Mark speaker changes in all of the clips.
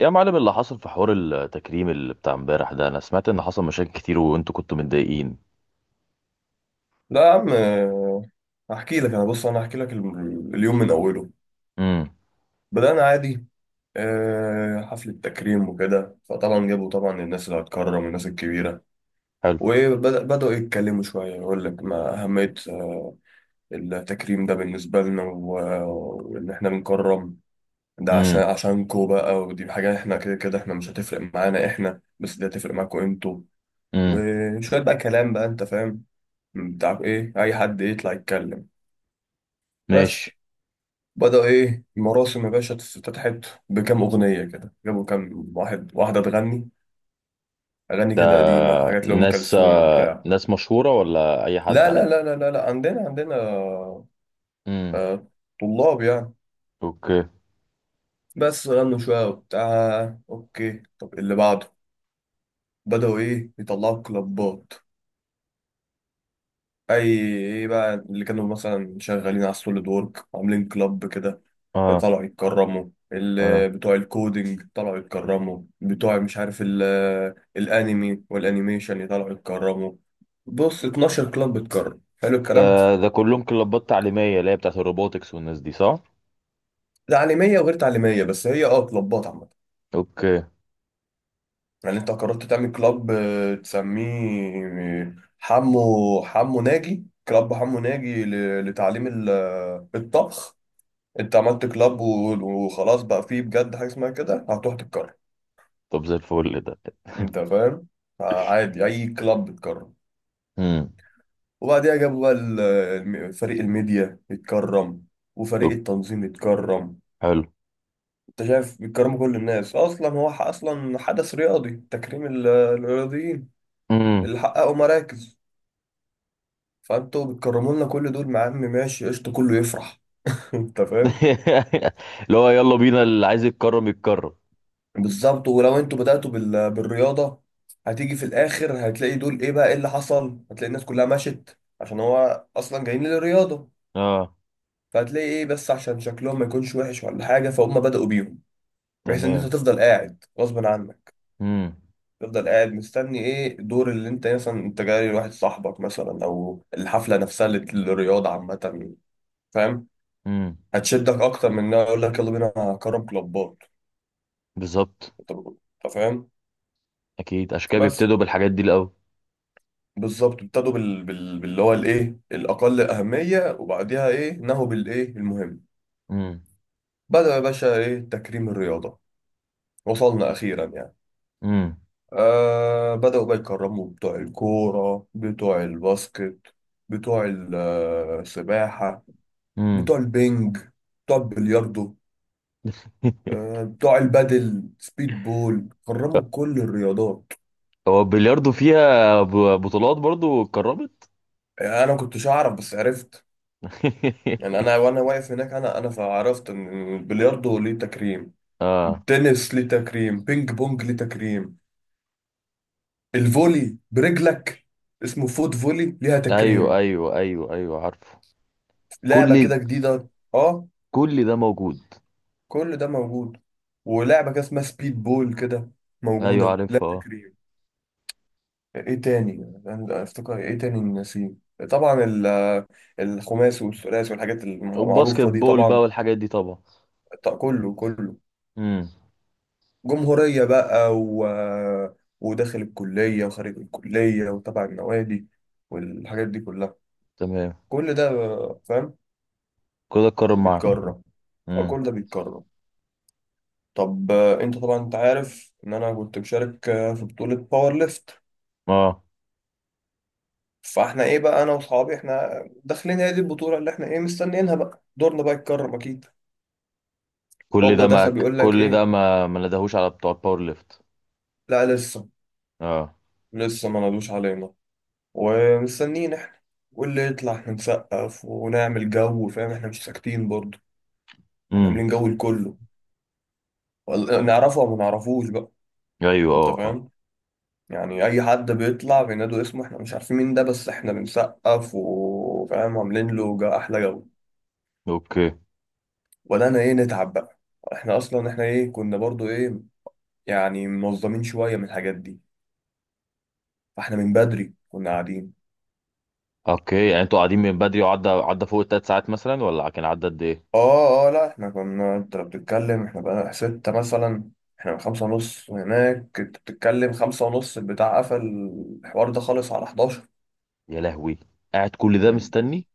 Speaker 1: يا معلم، اللي حصل في حوار التكريم اللي بتاع امبارح ده، انا سمعت ان حصل مشاكل كتير وانتوا كنتوا متضايقين؟
Speaker 2: لا يا عم، هحكي لك. انا هحكي لك اليوم من اوله.
Speaker 1: امم.
Speaker 2: بدأنا عادي، حفلة تكريم وكده. فطبعا جابوا طبعا الناس اللي هتكرم، الناس الكبيرة،
Speaker 1: حلو.
Speaker 2: وبدأوا يتكلموا شوية. يقول لك ما أهمية التكريم ده بالنسبة لنا، وإن إحنا بنكرم ده عشان
Speaker 1: امم،
Speaker 2: عشانكوا بقى، ودي حاجة إحنا كده كده إحنا مش هتفرق معانا إحنا، بس دي هتفرق معاكوا إنتوا.
Speaker 1: امم.
Speaker 2: وشوية بقى كلام بقى، أنت فاهم، بتاع إيه، أي حد يطلع يتكلم بس.
Speaker 1: ماشي.
Speaker 2: بدأ إيه المراسم يا باشا، افتتحت بكام أغنية كده. جابوا كام واحد واحدة تغني أغاني
Speaker 1: ده
Speaker 2: كده قديمة، حاجات لأم
Speaker 1: ناس،
Speaker 2: كلثوم وبتاع.
Speaker 1: ناس مشهورة ولا اي حد
Speaker 2: لا
Speaker 1: عادي؟
Speaker 2: لا لا لا لا, لا. عندنا آه،
Speaker 1: امم.
Speaker 2: آه، طلاب يعني.
Speaker 1: اوكي.
Speaker 2: بس غنوا شوية وبتاع. أوكي، طب اللي بعده بدأوا إيه يطلعوا كلابات. أي إيه بقى اللي كانوا مثلا شغالين على السوليد وورك، عاملين كلاب كده،
Speaker 1: اه،
Speaker 2: طلعوا يتكرموا.
Speaker 1: اه.
Speaker 2: بتوع الكودينج طلعوا يتكرموا. بتوع مش عارف الانمي والانيميشن طلعوا يتكرموا. بص، 12 كلاب بتكرم، حلو الكلام.
Speaker 1: ده كلهم كلابات تعليمية اللي هي بتاعت الروبوتكس والناس دي، صح؟
Speaker 2: تعليميه وغير تعليميه، بس هي اه كلابات عامه.
Speaker 1: اوكي.
Speaker 2: يعني انت قررت تعمل كلاب، تسميه آه، حمو ناجي، كلاب حمو ناجي لتعليم الطبخ. انت عملت كلاب وخلاص، بقى فيه بجد حاجه اسمها كده هتروح تتكرر.
Speaker 1: طب زي الفل ده.
Speaker 2: انت فاهم، عادي اي كلاب بتكرر.
Speaker 1: امم.
Speaker 2: وبعديها جابوا بقى فريق الميديا يتكرم، وفريق
Speaker 1: طب.
Speaker 2: التنظيم يتكرم.
Speaker 1: حلو.
Speaker 2: انت شايف بيتكرموا كل الناس. اصلا هو اصلا حدث رياضي، تكريم الرياضيين
Speaker 1: امم.
Speaker 2: اللي حققوا مراكز، فانتوا بتكرموا لنا كل دول. مع عم ماشي قشطه، كله يفرح. انت فاهم،
Speaker 1: اللي هو يلا بينا، اللي عايز يتكرم يتكرم.
Speaker 2: بالظبط. ولو انتوا بدأتوا بالرياضة، هتيجي في الاخر هتلاقي دول ايه بقى، ايه اللي حصل؟ هتلاقي الناس كلها مشت، عشان هو اصلا جايين للرياضة.
Speaker 1: اه.
Speaker 2: فهتلاقي ايه، بس عشان شكلهم ما يكونش وحش ولا حاجة، فهم بدأوا بيهم، بحيث ان انت
Speaker 1: تمام.
Speaker 2: تفضل قاعد غصب عنك.
Speaker 1: امم،
Speaker 2: تفضل قاعد مستني ايه الدور، اللي انت مثلا انت جاي لواحد صاحبك مثلا، او الحفله نفسها اللي للرياضه عامه، فاهم؟
Speaker 1: امم.
Speaker 2: هتشدك اكتر من انها يقول لك يلا بينا كرم كلوبات،
Speaker 1: بالظبط.
Speaker 2: انت فاهم
Speaker 1: اكيد عشان كده
Speaker 2: بس.
Speaker 1: بيبتدوا بالحاجات دي الاول.
Speaker 2: بالظبط، ابتدوا باللي هو الايه الاقل اهميه، وبعديها ايه نهوا بالايه المهم.
Speaker 1: امم،
Speaker 2: بدأ يا باشا ايه تكريم الرياضه، وصلنا اخيرا يعني.
Speaker 1: امم،
Speaker 2: آه، بدأوا بقى يكرموا بتوع الكورة، بتوع الباسكت، بتوع السباحة،
Speaker 1: امم.
Speaker 2: بتوع البنج، بتوع البلياردو، آه بتوع البادل، سبيد بول، كرموا كل الرياضات.
Speaker 1: هو البلياردو فيها بطولات برضو اتكرمت؟
Speaker 2: أنا ما كنتش أعرف بس عرفت. يعني أنا وأنا واقف هناك أنا فعرفت إن البلياردو ليه تكريم،
Speaker 1: اه.
Speaker 2: التنس ليه تكريم، بينج بونج ليه تكريم، الفولي برجلك اسمه فوت فولي ليها
Speaker 1: ايوه،
Speaker 2: تكريم،
Speaker 1: ايوه، ايوه، ايوه، عارفه.
Speaker 2: لعبة
Speaker 1: كل
Speaker 2: كده جديدة. اه،
Speaker 1: كل ده موجود.
Speaker 2: كل ده موجود. ولعبة كده اسمها سبيد بول كده
Speaker 1: ايوه
Speaker 2: موجودة، لا
Speaker 1: عارفها. اه.
Speaker 2: تكريم. ايه تاني، أنا افتكر ايه تاني نسيم، طبعا الخماس والثلاث والحاجات
Speaker 1: والباسكت
Speaker 2: المعروفة دي
Speaker 1: بول بقى
Speaker 2: طبعا.
Speaker 1: والحاجات دي طبعا.
Speaker 2: كله كله
Speaker 1: امم.
Speaker 2: جمهورية بقى، و... وداخل الكلية وخارج الكلية وتبع النوادي والحاجات دي كلها.
Speaker 1: تمام.
Speaker 2: كل ده، فاهم،
Speaker 1: كده اتكرم معاه.
Speaker 2: بيتكرر. أه،
Speaker 1: امم.
Speaker 2: كل ده بيتكرر. طب آه، انت طبعا انت عارف ان انا كنت مشارك، في بطولة باور ليفت.
Speaker 1: اه،
Speaker 2: فاحنا ايه بقى، انا واصحابي احنا داخلين هي دي البطوله اللي احنا ايه مستنيينها، بقى دورنا بقى يتكرم اكيد. هوبا دخل بيقول لك
Speaker 1: كل ده
Speaker 2: ايه،
Speaker 1: ما ندهوش على بتوع الباور ليفت؟
Speaker 2: لا لسه،
Speaker 1: اه.
Speaker 2: لسه ما نادوش علينا ومستنيين احنا. واللي يطلع احنا نسقف ونعمل جو، فاهم، احنا مش ساكتين برضه. احنا
Speaker 1: امم.
Speaker 2: عاملين جو لكله، نعرفه او ما نعرفوش بقى.
Speaker 1: ايوه،
Speaker 2: انت
Speaker 1: اه، اه.
Speaker 2: فاهم، يعني اي حد بيطلع بينادوا اسمه احنا مش عارفين مين ده، بس احنا بنسقف، وفاهم، عاملين له احلى جو.
Speaker 1: اوكي.
Speaker 2: ولا انا ايه نتعب بقى. احنا اصلا احنا ايه كنا برضو ايه، يعني منظمين شوية من الحاجات دي، فاحنا من بدري كنا قاعدين.
Speaker 1: اوكي، يعني انتوا قاعدين من بدري، وعدى فوق ال3 ساعات مثلا ولا كان عدى قد ايه؟
Speaker 2: اه اه، لا احنا كنا، انت لو بتتكلم احنا بقى ستة مثلا، احنا من خمسة ونص. وهناك انت بتتكلم خمسة ونص، البتاع قفل الحوار ده خالص على 11.
Speaker 1: يا لهوي. قاعد كل ده
Speaker 2: يعني
Speaker 1: مستني.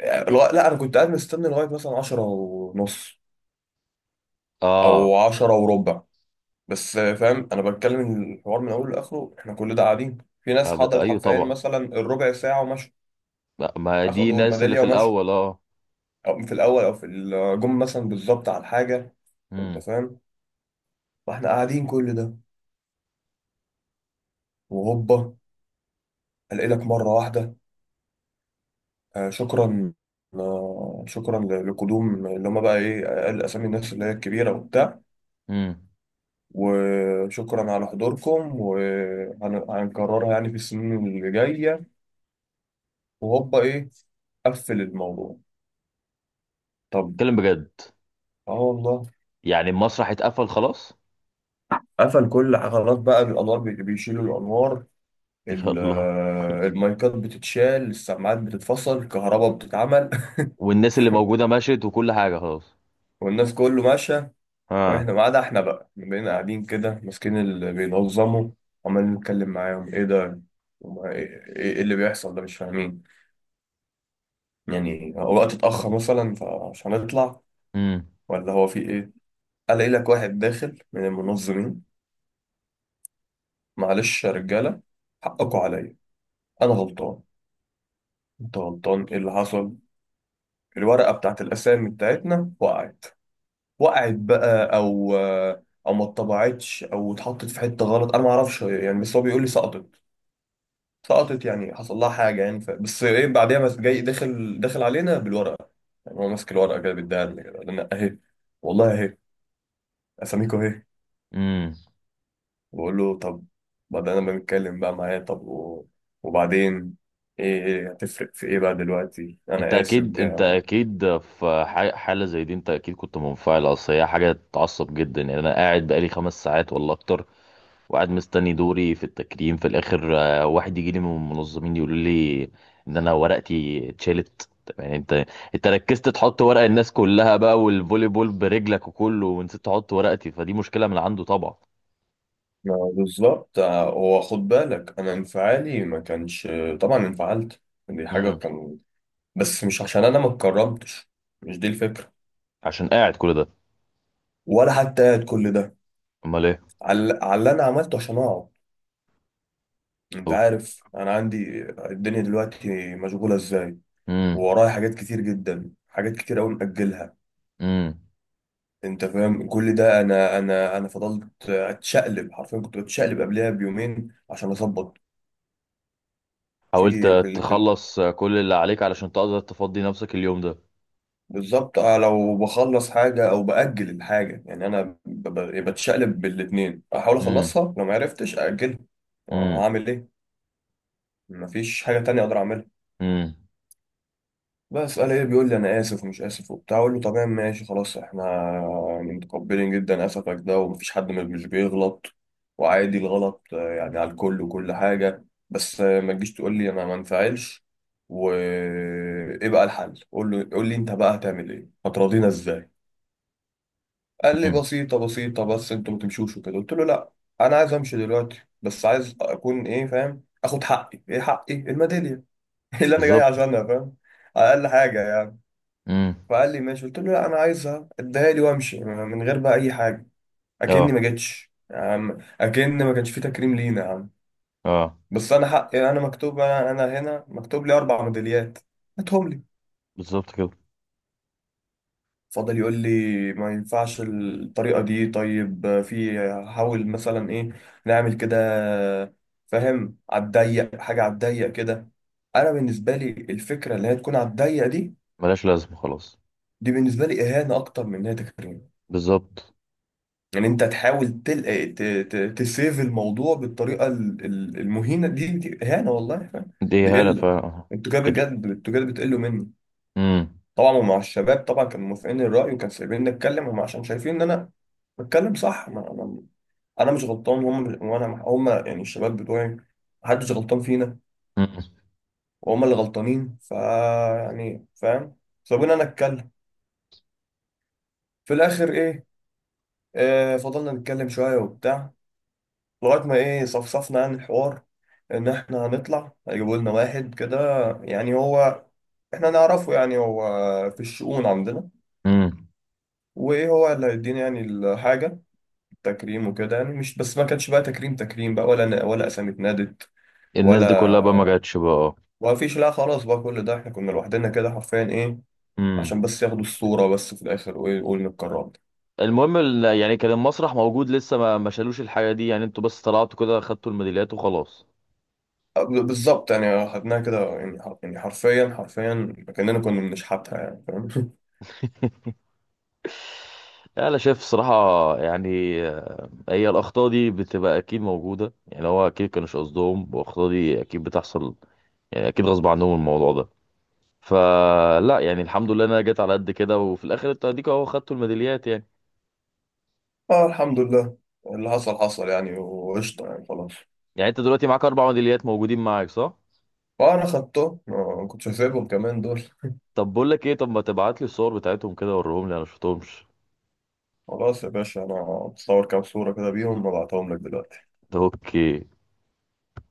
Speaker 2: لا انا كنت قاعد مستني لغاية مثلا 10 ونص
Speaker 1: اه.
Speaker 2: او 10 وربع بس، فاهم. انا بتكلم الحوار من اوله لاخره، احنا كل ده قاعدين. في ناس حضرت
Speaker 1: ايوه
Speaker 2: حرفيا
Speaker 1: طبعا.
Speaker 2: مثلا الربع ساعة ومشوا،
Speaker 1: ما دي
Speaker 2: اخدوا
Speaker 1: الناس اللي
Speaker 2: الميدالية
Speaker 1: في
Speaker 2: ومشوا،
Speaker 1: الاول. اه.
Speaker 2: او في الاول او في الجم مثلا بالظبط على الحاجه، انت
Speaker 1: امم،
Speaker 2: فاهم. واحنا قاعدين كل ده. وهوبا الاقي لك مره واحده، آه شكرا، آه شكرا لقدوم اللي هم بقى ايه اقل اسامي الناس اللي هي الكبيره وبتاع،
Speaker 1: امم.
Speaker 2: وشكرا على حضوركم، وهنكررها يعني في السنين اللي جايه. وهوبا ايه، قفل الموضوع. طب
Speaker 1: اتكلم بجد؟
Speaker 2: اه والله،
Speaker 1: يعني المسرح اتقفل خلاص؟
Speaker 2: قفل كل خلاص بقى، الانوار بيشيلوا الانوار، ال-
Speaker 1: يلا.
Speaker 2: المايكات بتتشال، السماعات بتتفصل، الكهرباء بتتعمل.
Speaker 1: والناس اللي موجوده مشيت وكل حاجه خلاص؟
Speaker 2: والناس كله ماشية.
Speaker 1: ها.
Speaker 2: واحنا، ما عدا احنا بقى، إحنا بقينا قاعدين كده ماسكين اللي بينظموا، عمالين نتكلم معاهم ايه ده، ايه إيه اللي بيحصل ده، مش فاهمين يعني هو وقت اتأخر مثلا فعشان نطلع،
Speaker 1: امم،
Speaker 2: ولا هو في ايه. الاقي لك واحد داخل من المنظمين، معلش يا رجالة، حقكوا عليا، انا غلطان. انت غلطان، ايه اللي حصل؟ الورقة بتاعت الاسامي بتاعتنا وقعت. وقعت بقى، او او ما اتطبعتش او اتحطت في حته غلط، انا ما اعرفش يعني، بس هو بيقول لي سقطت. سقطت يعني حصل لها حاجه يعني. بس ايه بعديها، بس جاي داخل، علينا بالورقه، يعني هو ماسك الورقه كده بيديها لنا كده، انا اهي، والله اهي، اساميكو اهي.
Speaker 1: امم.
Speaker 2: بقول له طب، بعدين انا بنتكلم بقى معاه، طب وبعدين ايه هتفرق في ايه بقى دلوقتي انا اسف
Speaker 1: انت
Speaker 2: ده.
Speaker 1: اكيد في حاله زي دي، انت اكيد كنت منفعل. اصل هي حاجه تعصب جدا. يعني انا قاعد بقالي 5 ساعات ولا اكتر، وقاعد مستني دوري في التكريم، في الاخر واحد يجي لي من المنظمين يقول لي ان انا ورقتي اتشالت. طب يعني انت ركزت تحط ورق الناس كلها بقى والفولي بول برجلك وكله، ونسيت تحط ورقتي، فدي مشكله من عنده طبعا.
Speaker 2: ما بالظبط، هو خد بالك انا انفعالي ما كانش، طبعا انفعلت، دي حاجه
Speaker 1: امم.
Speaker 2: كان، بس مش عشان انا ما اتكرمتش، مش دي الفكره.
Speaker 1: عشان قاعد كل ده.
Speaker 2: ولا حتى قاعد كل ده،
Speaker 1: امال ايه؟
Speaker 2: على على اللي انا عملته عشان اقعد. انت عارف انا عندي الدنيا دلوقتي مشغوله ازاي،
Speaker 1: امم،
Speaker 2: وورايا حاجات كتير جدا، حاجات كتير قوي مأجلها،
Speaker 1: امم.
Speaker 2: انت فاهم. كل ده، انا فضلت اتشقلب حرفيا، كنت بتشقلب قبلها بيومين عشان اظبط.
Speaker 1: حاولت
Speaker 2: فيجي في
Speaker 1: تخلص كل اللي عليك علشان تقدر تفضي نفسك اليوم ده.
Speaker 2: بالظبط آه، لو بخلص حاجه او باجل الحاجه، يعني انا بتشقلب بالاتنين، احاول
Speaker 1: امم،
Speaker 2: اخلصها لو ما عرفتش اجلها.
Speaker 1: امم،
Speaker 2: هعمل ايه، مفيش حاجة تانية أقدر أعملها.
Speaker 1: امم،
Speaker 2: بس قال إيه، بيقول لي أنا آسف ومش آسف وبتاع. أقول له تمام ماشي خلاص، إحنا يعني متقبلين جدا آسفك ده، ومفيش حد مش بيغلط، وعادي الغلط آه، يعني على الكل وكل حاجة. بس آه، ما تجيش تقول لي أنا ما انفعلش. وإيه بقى الحل؟ قول له، قول لي أنت بقى هتعمل إيه؟ هتراضينا إزاي؟ قال لي
Speaker 1: امم.
Speaker 2: بسيطة بس أنتوا ما تمشوش وكده. قلت له لأ، أنا عايز أمشي دلوقتي، بس عايز أكون إيه فاهم؟ آخد حقي. إيه حقي؟ الميدالية اللي انا جاي
Speaker 1: بالظبط.
Speaker 2: عشانها، فاهم، اقل حاجه يعني.
Speaker 1: امم.
Speaker 2: فقال لي ماشي. قلت له لا، انا عايزها اديها لي وامشي من غير بقى اي حاجه، اكني
Speaker 1: اه،
Speaker 2: ما جتش يا عم، اكن ما كانش في تكريم لينا يا عم.
Speaker 1: اه.
Speaker 2: بس انا حقي، انا مكتوب، انا هنا مكتوب لي اربع ميداليات، هاتهم لي.
Speaker 1: بالظبط كده.
Speaker 2: فضل يقول لي ما ينفعش الطريقه دي، طيب في، حاول مثلا ايه نعمل كده، فاهم، على الضيق، حاجه على الضيق كده. انا بالنسبه لي الفكره اللي هي تكون على الضيق دي،
Speaker 1: ملهاش لازمه خلاص.
Speaker 2: دي بالنسبه لي اهانه اكتر من ان هي تكريم.
Speaker 1: بالظبط.
Speaker 2: يعني انت تحاول تل... آه، ت... ت... تسيف الموضوع بالطريقه المهينه دي، دي اهانه والله، فاهم،
Speaker 1: دي
Speaker 2: دي
Speaker 1: هنا
Speaker 2: قله.
Speaker 1: فعلا.
Speaker 2: انتوا كده
Speaker 1: كده.
Speaker 2: بجد، انتوا كده بتقلوا مني.
Speaker 1: امم،
Speaker 2: طبعا ومع الشباب طبعا كانوا موافقين الراي، وكانوا سايبيني اتكلم هم، عشان شايفين ان انا بتكلم صح. ما انا انا مش غلطان، هم مش... وانا هم يعني الشباب بتوعي، محدش غلطان فينا،
Speaker 1: امم،
Speaker 2: وهم اللي غلطانين. ف يعني فاهم، سابوني انا اتكلم. في الاخر ايه، آه فضلنا نتكلم شويه وبتاع، لغاية ما ايه صفصفنا عن الحوار، ان احنا هنطلع هيجيبوا لنا واحد كده، يعني هو احنا نعرفه، يعني هو في الشؤون عندنا،
Speaker 1: امم.
Speaker 2: وايه هو اللي هيدينا يعني الحاجة التكريم وكده. يعني مش بس ما كانش بقى تكريم تكريم بقى، ولا اسامي اتنادت
Speaker 1: الناس دي كلها بقى ما
Speaker 2: ولا،
Speaker 1: جاتش بقى؟
Speaker 2: ما فيش لا، خلاص بقى. كل ده احنا كنا لوحدنا كده حرفيا، ايه،
Speaker 1: امم.
Speaker 2: عشان بس ياخدوا الصورة بس في الاخر، وايه يقولوا اتكرمت.
Speaker 1: المهم يعني كان المسرح موجود لسه ما شالوش الحاجه دي؟ يعني انتوا بس طلعتوا كده خدتوا الميداليات وخلاص؟
Speaker 2: بالظبط، يعني خدناها كده يعني يعني حرفيا كأننا كنا بنشحتها يعني، فاهم.
Speaker 1: يعني انا شايف صراحه، يعني هي الاخطاء دي بتبقى اكيد موجوده، يعني هو اكيد كانوش قصدهم، والاخطاء دي اكيد بتحصل. يعني اكيد غصب عنهم الموضوع ده. فلا يعني الحمد لله إن انا جيت على قد كده، وفي الاخر انت اديك اهو خدتوا الميداليات يعني.
Speaker 2: اه الحمد لله، اللي حصل حصل يعني، وقشطة يعني خلاص.
Speaker 1: يعني انت دلوقتي معاك اربع ميداليات موجودين معاك، صح؟
Speaker 2: فأنا خدته، ما كنتش هسيبهم كمان دول.
Speaker 1: طب بقول لك ايه، طب ما تبعت لي الصور بتاعتهم كده وريهم لي، انا شفتهمش.
Speaker 2: خلاص يا باشا، أنا بصور كام صورة كده بيهم وبعتهم لك دلوقتي.
Speaker 1: اوكي.